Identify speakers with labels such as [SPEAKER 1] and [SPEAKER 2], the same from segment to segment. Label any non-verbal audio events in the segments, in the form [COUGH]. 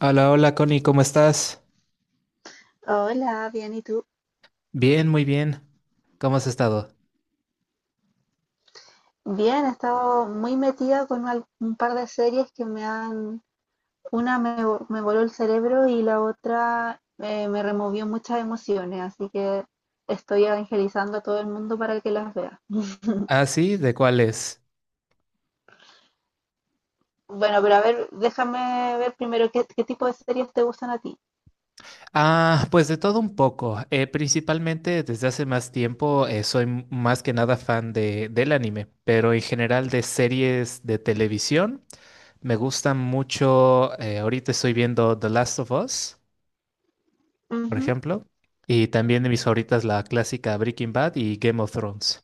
[SPEAKER 1] Hola, hola Connie, ¿cómo estás?
[SPEAKER 2] Hola, bien, ¿y tú?
[SPEAKER 1] Bien, muy bien. ¿Cómo has estado?
[SPEAKER 2] Bien, he estado muy metida con un par de series que me han... Una me voló el cerebro y la otra me removió muchas emociones, así que estoy evangelizando a todo el mundo para que las vea. [LAUGHS]
[SPEAKER 1] Ah, sí, ¿de cuáles?
[SPEAKER 2] Bueno, pero a ver, déjame ver primero qué tipo de series te gustan a ti.
[SPEAKER 1] Ah, pues de todo un poco. Principalmente desde hace más tiempo soy más que nada fan del anime, pero en general de series de televisión. Me gustan mucho, ahorita estoy viendo The Last of Us, por
[SPEAKER 2] Ujú.
[SPEAKER 1] ejemplo, y también de mis favoritas la clásica Breaking Bad y Game of Thrones.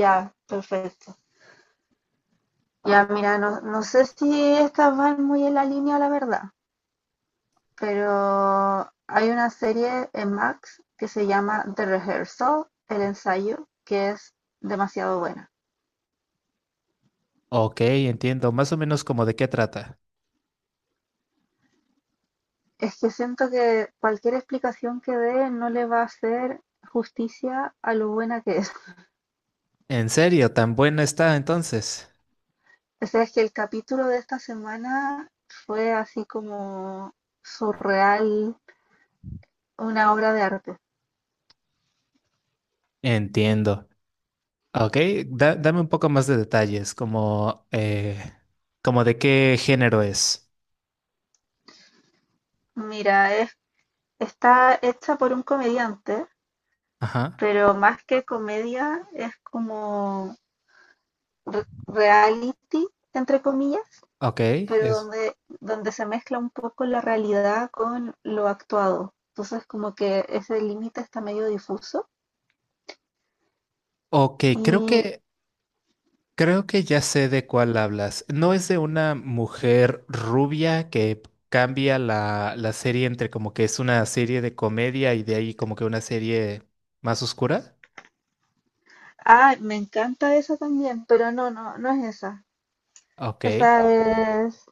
[SPEAKER 2] Ya, perfecto. Ya, mira, no, no sé si estas van muy en la línea, la verdad, pero hay una serie en Max que se llama The Rehearsal, el ensayo, que es demasiado buena.
[SPEAKER 1] Ok, entiendo, más o menos como de qué trata.
[SPEAKER 2] Es que siento que cualquier explicación que dé no le va a hacer justicia a lo buena que es. [LAUGHS]
[SPEAKER 1] ¿En serio? ¿Tan buena está entonces?
[SPEAKER 2] O sea, es que el capítulo de esta semana fue así como surreal, una obra de arte.
[SPEAKER 1] Entiendo. Ah, ok, dame un poco más de detalles, como, como de qué género es.
[SPEAKER 2] Mira, está hecha por un comediante,
[SPEAKER 1] Ajá.
[SPEAKER 2] pero más que comedia es como reality, entre comillas,
[SPEAKER 1] Ok,
[SPEAKER 2] pero
[SPEAKER 1] es.
[SPEAKER 2] donde se mezcla un poco la realidad con lo actuado. Entonces como que ese límite está medio difuso.
[SPEAKER 1] Ok,
[SPEAKER 2] Y,
[SPEAKER 1] creo que ya sé de cuál hablas. ¿No es de una mujer rubia que cambia la serie entre como que es una serie de comedia y de ahí como que una serie más oscura?
[SPEAKER 2] ah, me encanta esa también, pero no es esa.
[SPEAKER 1] Ok.
[SPEAKER 2] Esa es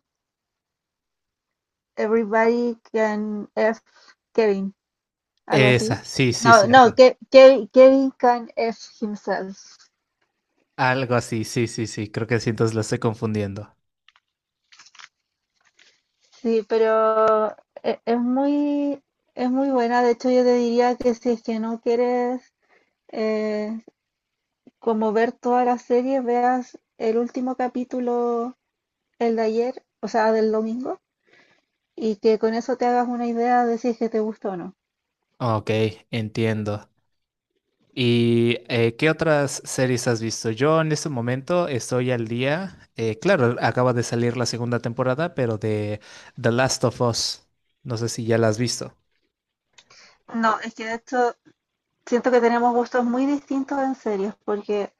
[SPEAKER 2] Everybody Can F Kevin, algo así.
[SPEAKER 1] Esa, sí, sí,
[SPEAKER 2] No, no,
[SPEAKER 1] cierto.
[SPEAKER 2] Kevin Can F Himself.
[SPEAKER 1] Algo así, sí, sí, sí. Creo que sí, entonces la estoy confundiendo.
[SPEAKER 2] Sí, pero e- es muy, es muy buena. De hecho, yo te diría que si es que no quieres eh, como ver toda la serie, veas el último capítulo, el de ayer, o sea, del domingo, y que con eso te hagas una idea de si es que te gustó o no.
[SPEAKER 1] Ok, entiendo. ¿Y qué otras series has visto? Yo en este momento estoy al día. Claro, acaba de salir la segunda temporada, pero de The Last of Us. No sé si ya la has visto.
[SPEAKER 2] No, es que de hecho siento que tenemos gustos muy distintos en series, porque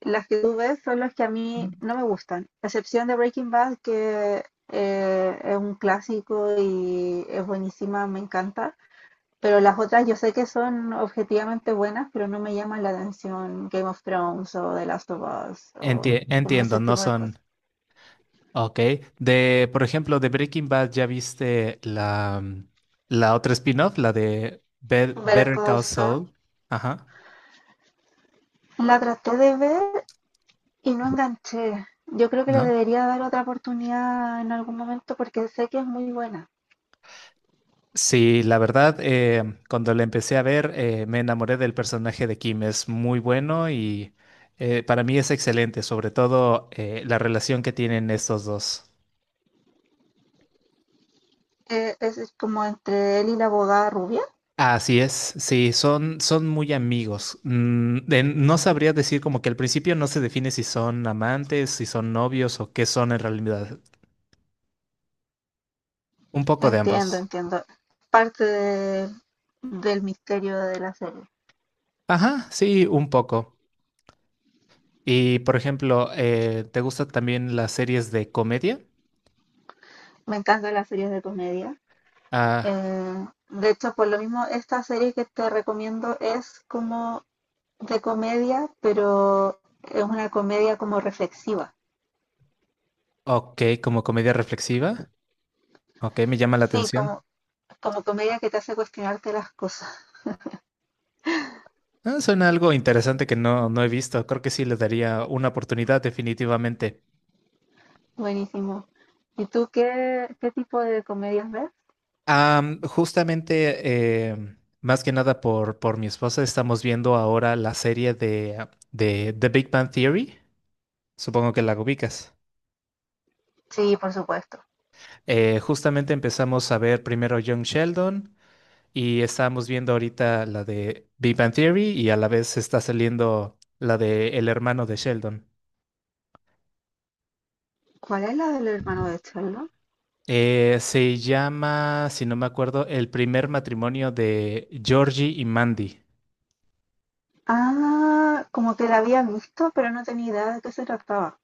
[SPEAKER 2] las que tú ves son las que a mí no me gustan, a excepción de Breaking Bad, que es un clásico y es buenísima, me encanta. Pero las otras yo sé que son objetivamente buenas, pero no me llaman la atención Game of Thrones o The Last of Us o
[SPEAKER 1] Ujú,
[SPEAKER 2] como
[SPEAKER 1] entiendo,
[SPEAKER 2] ese
[SPEAKER 1] no
[SPEAKER 2] tipo de cosas.
[SPEAKER 1] son... Ok. De, por ejemplo, de Breaking Bad, ¿ya viste la otra spin-off, la de
[SPEAKER 2] Ver
[SPEAKER 1] Better Call
[SPEAKER 2] cosas.
[SPEAKER 1] Saul? Ajá.
[SPEAKER 2] La traté de ver y no enganché. Yo creo que le
[SPEAKER 1] ¿No?
[SPEAKER 2] debería dar otra oportunidad en algún momento porque sé que es muy buena.
[SPEAKER 1] Sí, la verdad, cuando la empecé a ver, me enamoré del personaje de Kim. Es muy bueno y para mí es excelente, sobre todo la relación que tienen estos dos.
[SPEAKER 2] Es como entre él y la abogada rubia.
[SPEAKER 1] Así es, sí, son muy amigos. No sabría decir, como que al principio no se define si son amantes, si son novios o qué son en realidad. Un poco de
[SPEAKER 2] Entiendo,
[SPEAKER 1] ambos.
[SPEAKER 2] entiendo. Parte de- del misterio de la serie.
[SPEAKER 1] Ajá, sí, un poco. Y por ejemplo, ¿te gustan también las series de comedia?
[SPEAKER 2] Me encantan las series de comedia.
[SPEAKER 1] Ah.
[SPEAKER 2] De hecho, por lo mismo, esta serie que te recomiendo es como de comedia, pero es una comedia como reflexiva.
[SPEAKER 1] Ok, como comedia reflexiva. Ok, me llama la
[SPEAKER 2] Sí,
[SPEAKER 1] atención.
[SPEAKER 2] como, como comedia que te hace cuestionarte las cosas.
[SPEAKER 1] Ah, suena algo interesante que no he visto. Creo que sí le daría una oportunidad definitivamente.
[SPEAKER 2] Buenísimo. ¿Y tú qué tipo de comedias ves?
[SPEAKER 1] Justamente, más que nada por mi esposa, estamos viendo ahora la serie de The Big Bang Theory. Supongo que la ubicas.
[SPEAKER 2] Sí, por supuesto.
[SPEAKER 1] Justamente empezamos a ver primero Young Sheldon y estábamos viendo ahorita la de Big Bang Theory, y a la vez está saliendo la de El hermano de Sheldon.
[SPEAKER 2] ¿Cuál es la del hermano de Charlo?
[SPEAKER 1] Se llama, si no me acuerdo, El primer matrimonio de Georgie y Mandy.
[SPEAKER 2] Ah, como que la había visto, pero no tenía idea de qué se trataba.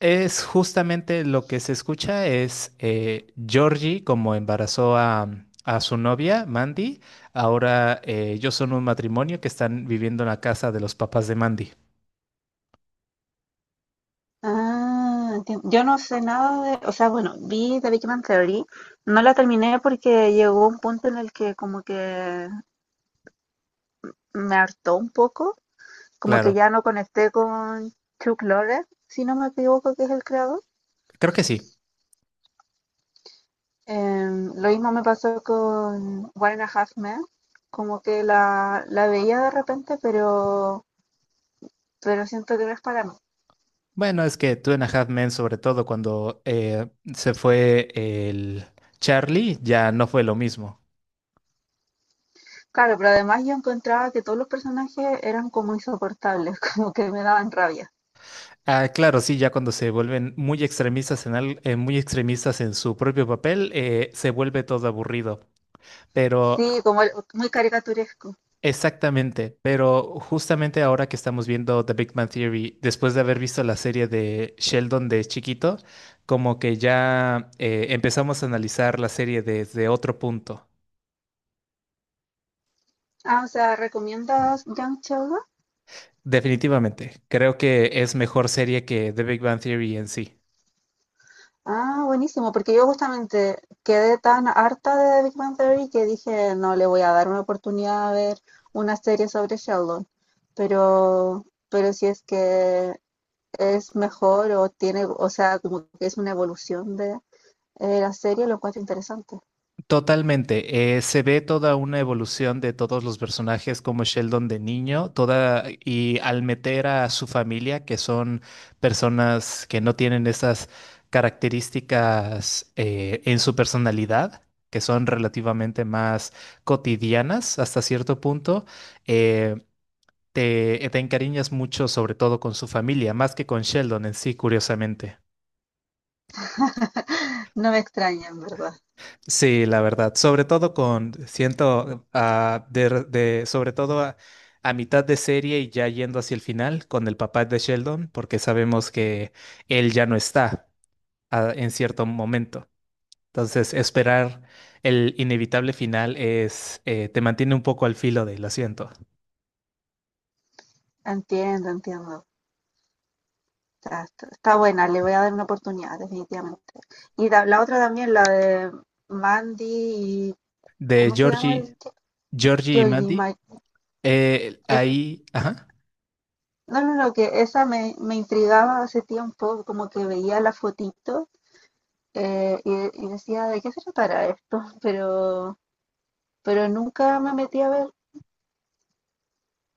[SPEAKER 1] Es justamente lo que se escucha es Georgie como embarazó a su novia, Mandy. Ahora ellos son un matrimonio que están viviendo en la casa de los papás de Mandy.
[SPEAKER 2] Ah, entiendo. Yo no sé nada de, o sea, bueno, vi The Big Bang Theory, no la terminé porque llegó un punto en el que como que me hartó un poco, como que
[SPEAKER 1] Claro,
[SPEAKER 2] ya no conecté con Chuck Lorre, si no me equivoco, que es el creador.
[SPEAKER 1] creo que sí.
[SPEAKER 2] Em, lo mismo me pasó con One and a Half Men, como que la veía de repente, pero siento que no es para mí.
[SPEAKER 1] Bueno, es que Two and a Half Men, sobre todo cuando se fue el Charlie, ya no fue lo mismo.
[SPEAKER 2] Claro, pero además yo encontraba que todos los personajes eran como insoportables, [LAUGHS] como que me daban rabia.
[SPEAKER 1] Ah, claro, sí, ya cuando se vuelven muy extremistas en muy extremistas en su propio papel, se vuelve todo aburrido. Pero
[SPEAKER 2] Sí, como muy caricaturesco.
[SPEAKER 1] exactamente, pero justamente ahora que estamos viendo The Big Bang Theory, después de haber visto la serie de Sheldon de chiquito, como que ya empezamos a analizar la serie desde otro punto.
[SPEAKER 2] Ah, o sea, ¿recomiendas Young Sheldon?
[SPEAKER 1] Definitivamente, creo que es mejor serie que The Big Bang Theory en sí.
[SPEAKER 2] Ah, buenísimo, porque yo justamente quedé tan harta de Big Bang Theory que dije, no, le voy a dar una oportunidad a ver una serie sobre Sheldon. Pero si es que es mejor o tiene, o sea, como que es una evolución de la serie, lo encuentro interesante.
[SPEAKER 1] Totalmente. Se ve toda una evolución de todos los personajes, como Sheldon de niño, toda y al meter a su familia, que son personas que no tienen esas características en su personalidad, que son relativamente más cotidianas hasta cierto punto, eh, te encariñas mucho sobre todo con su familia, más que con Sheldon en sí, curiosamente.
[SPEAKER 2] [LAUGHS] No me extraña, en verdad.
[SPEAKER 1] Sí, la verdad, sobre todo con, siento, ah, sobre todo a mitad de serie y ya yendo hacia el final con el papá de Sheldon, porque sabemos que él ya no está, ah, en cierto momento. Entonces, esperar el inevitable final es, te mantiene un poco al filo del asiento.
[SPEAKER 2] Entiendo, entiendo. Sea, está, está buena, le voy a dar una oportunidad, definitivamente. Y la otra también, la de Mandy y.
[SPEAKER 1] De
[SPEAKER 2] ¿Cómo se llama el
[SPEAKER 1] Georgie,
[SPEAKER 2] chico?
[SPEAKER 1] Georgie y
[SPEAKER 2] Georgie
[SPEAKER 1] Mandy,
[SPEAKER 2] Ma- es,
[SPEAKER 1] ahí, ajá.
[SPEAKER 2] no, no, no, que esa me intrigaba hace tiempo, como que veía la fotito y decía, ¿de qué se tratará esto? [LAUGHS] Pero nunca me metí a ver.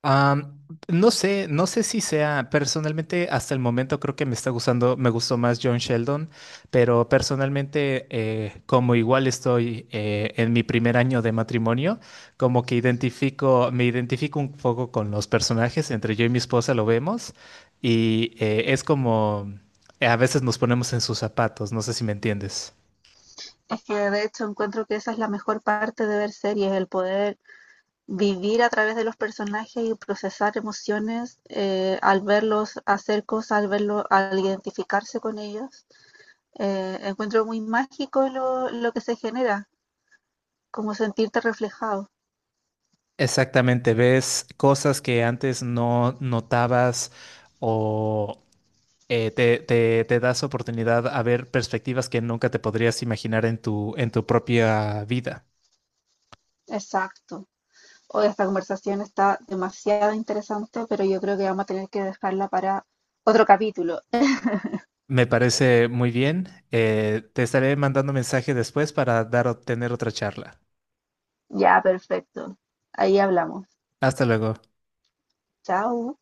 [SPEAKER 1] Am, no sé, no sé si sea, personalmente hasta el momento creo que me está gustando, me gustó más John Sheldon, pero personalmente como igual estoy en mi primer año de matrimonio, como que identifico, me identifico un poco con los personajes, entre yo y mi esposa lo vemos y es como, a veces nos ponemos en sus zapatos, no sé si me entiendes.
[SPEAKER 2] Es que de hecho encuentro que esa es la mejor parte de ver series, el poder vivir a través de los personajes y procesar emociones al verlos hacer cosas, al verlo, al identificarse con ellos. Encuentro muy mágico lo que se genera, como sentirte reflejado.
[SPEAKER 1] Exactamente, ves cosas que antes no notabas o, te das oportunidad a ver perspectivas que nunca te podrías imaginar en tu propia vida.
[SPEAKER 2] Exacto. Hoy esta conversación está demasiado interesante, pero yo creo que vamos a tener que dejarla para otro capítulo.
[SPEAKER 1] Me parece muy bien. Te estaré mandando mensaje después para dar, tener otra charla.
[SPEAKER 2] Ya, perfecto. Ahí hablamos.
[SPEAKER 1] Hasta luego.
[SPEAKER 2] Chao.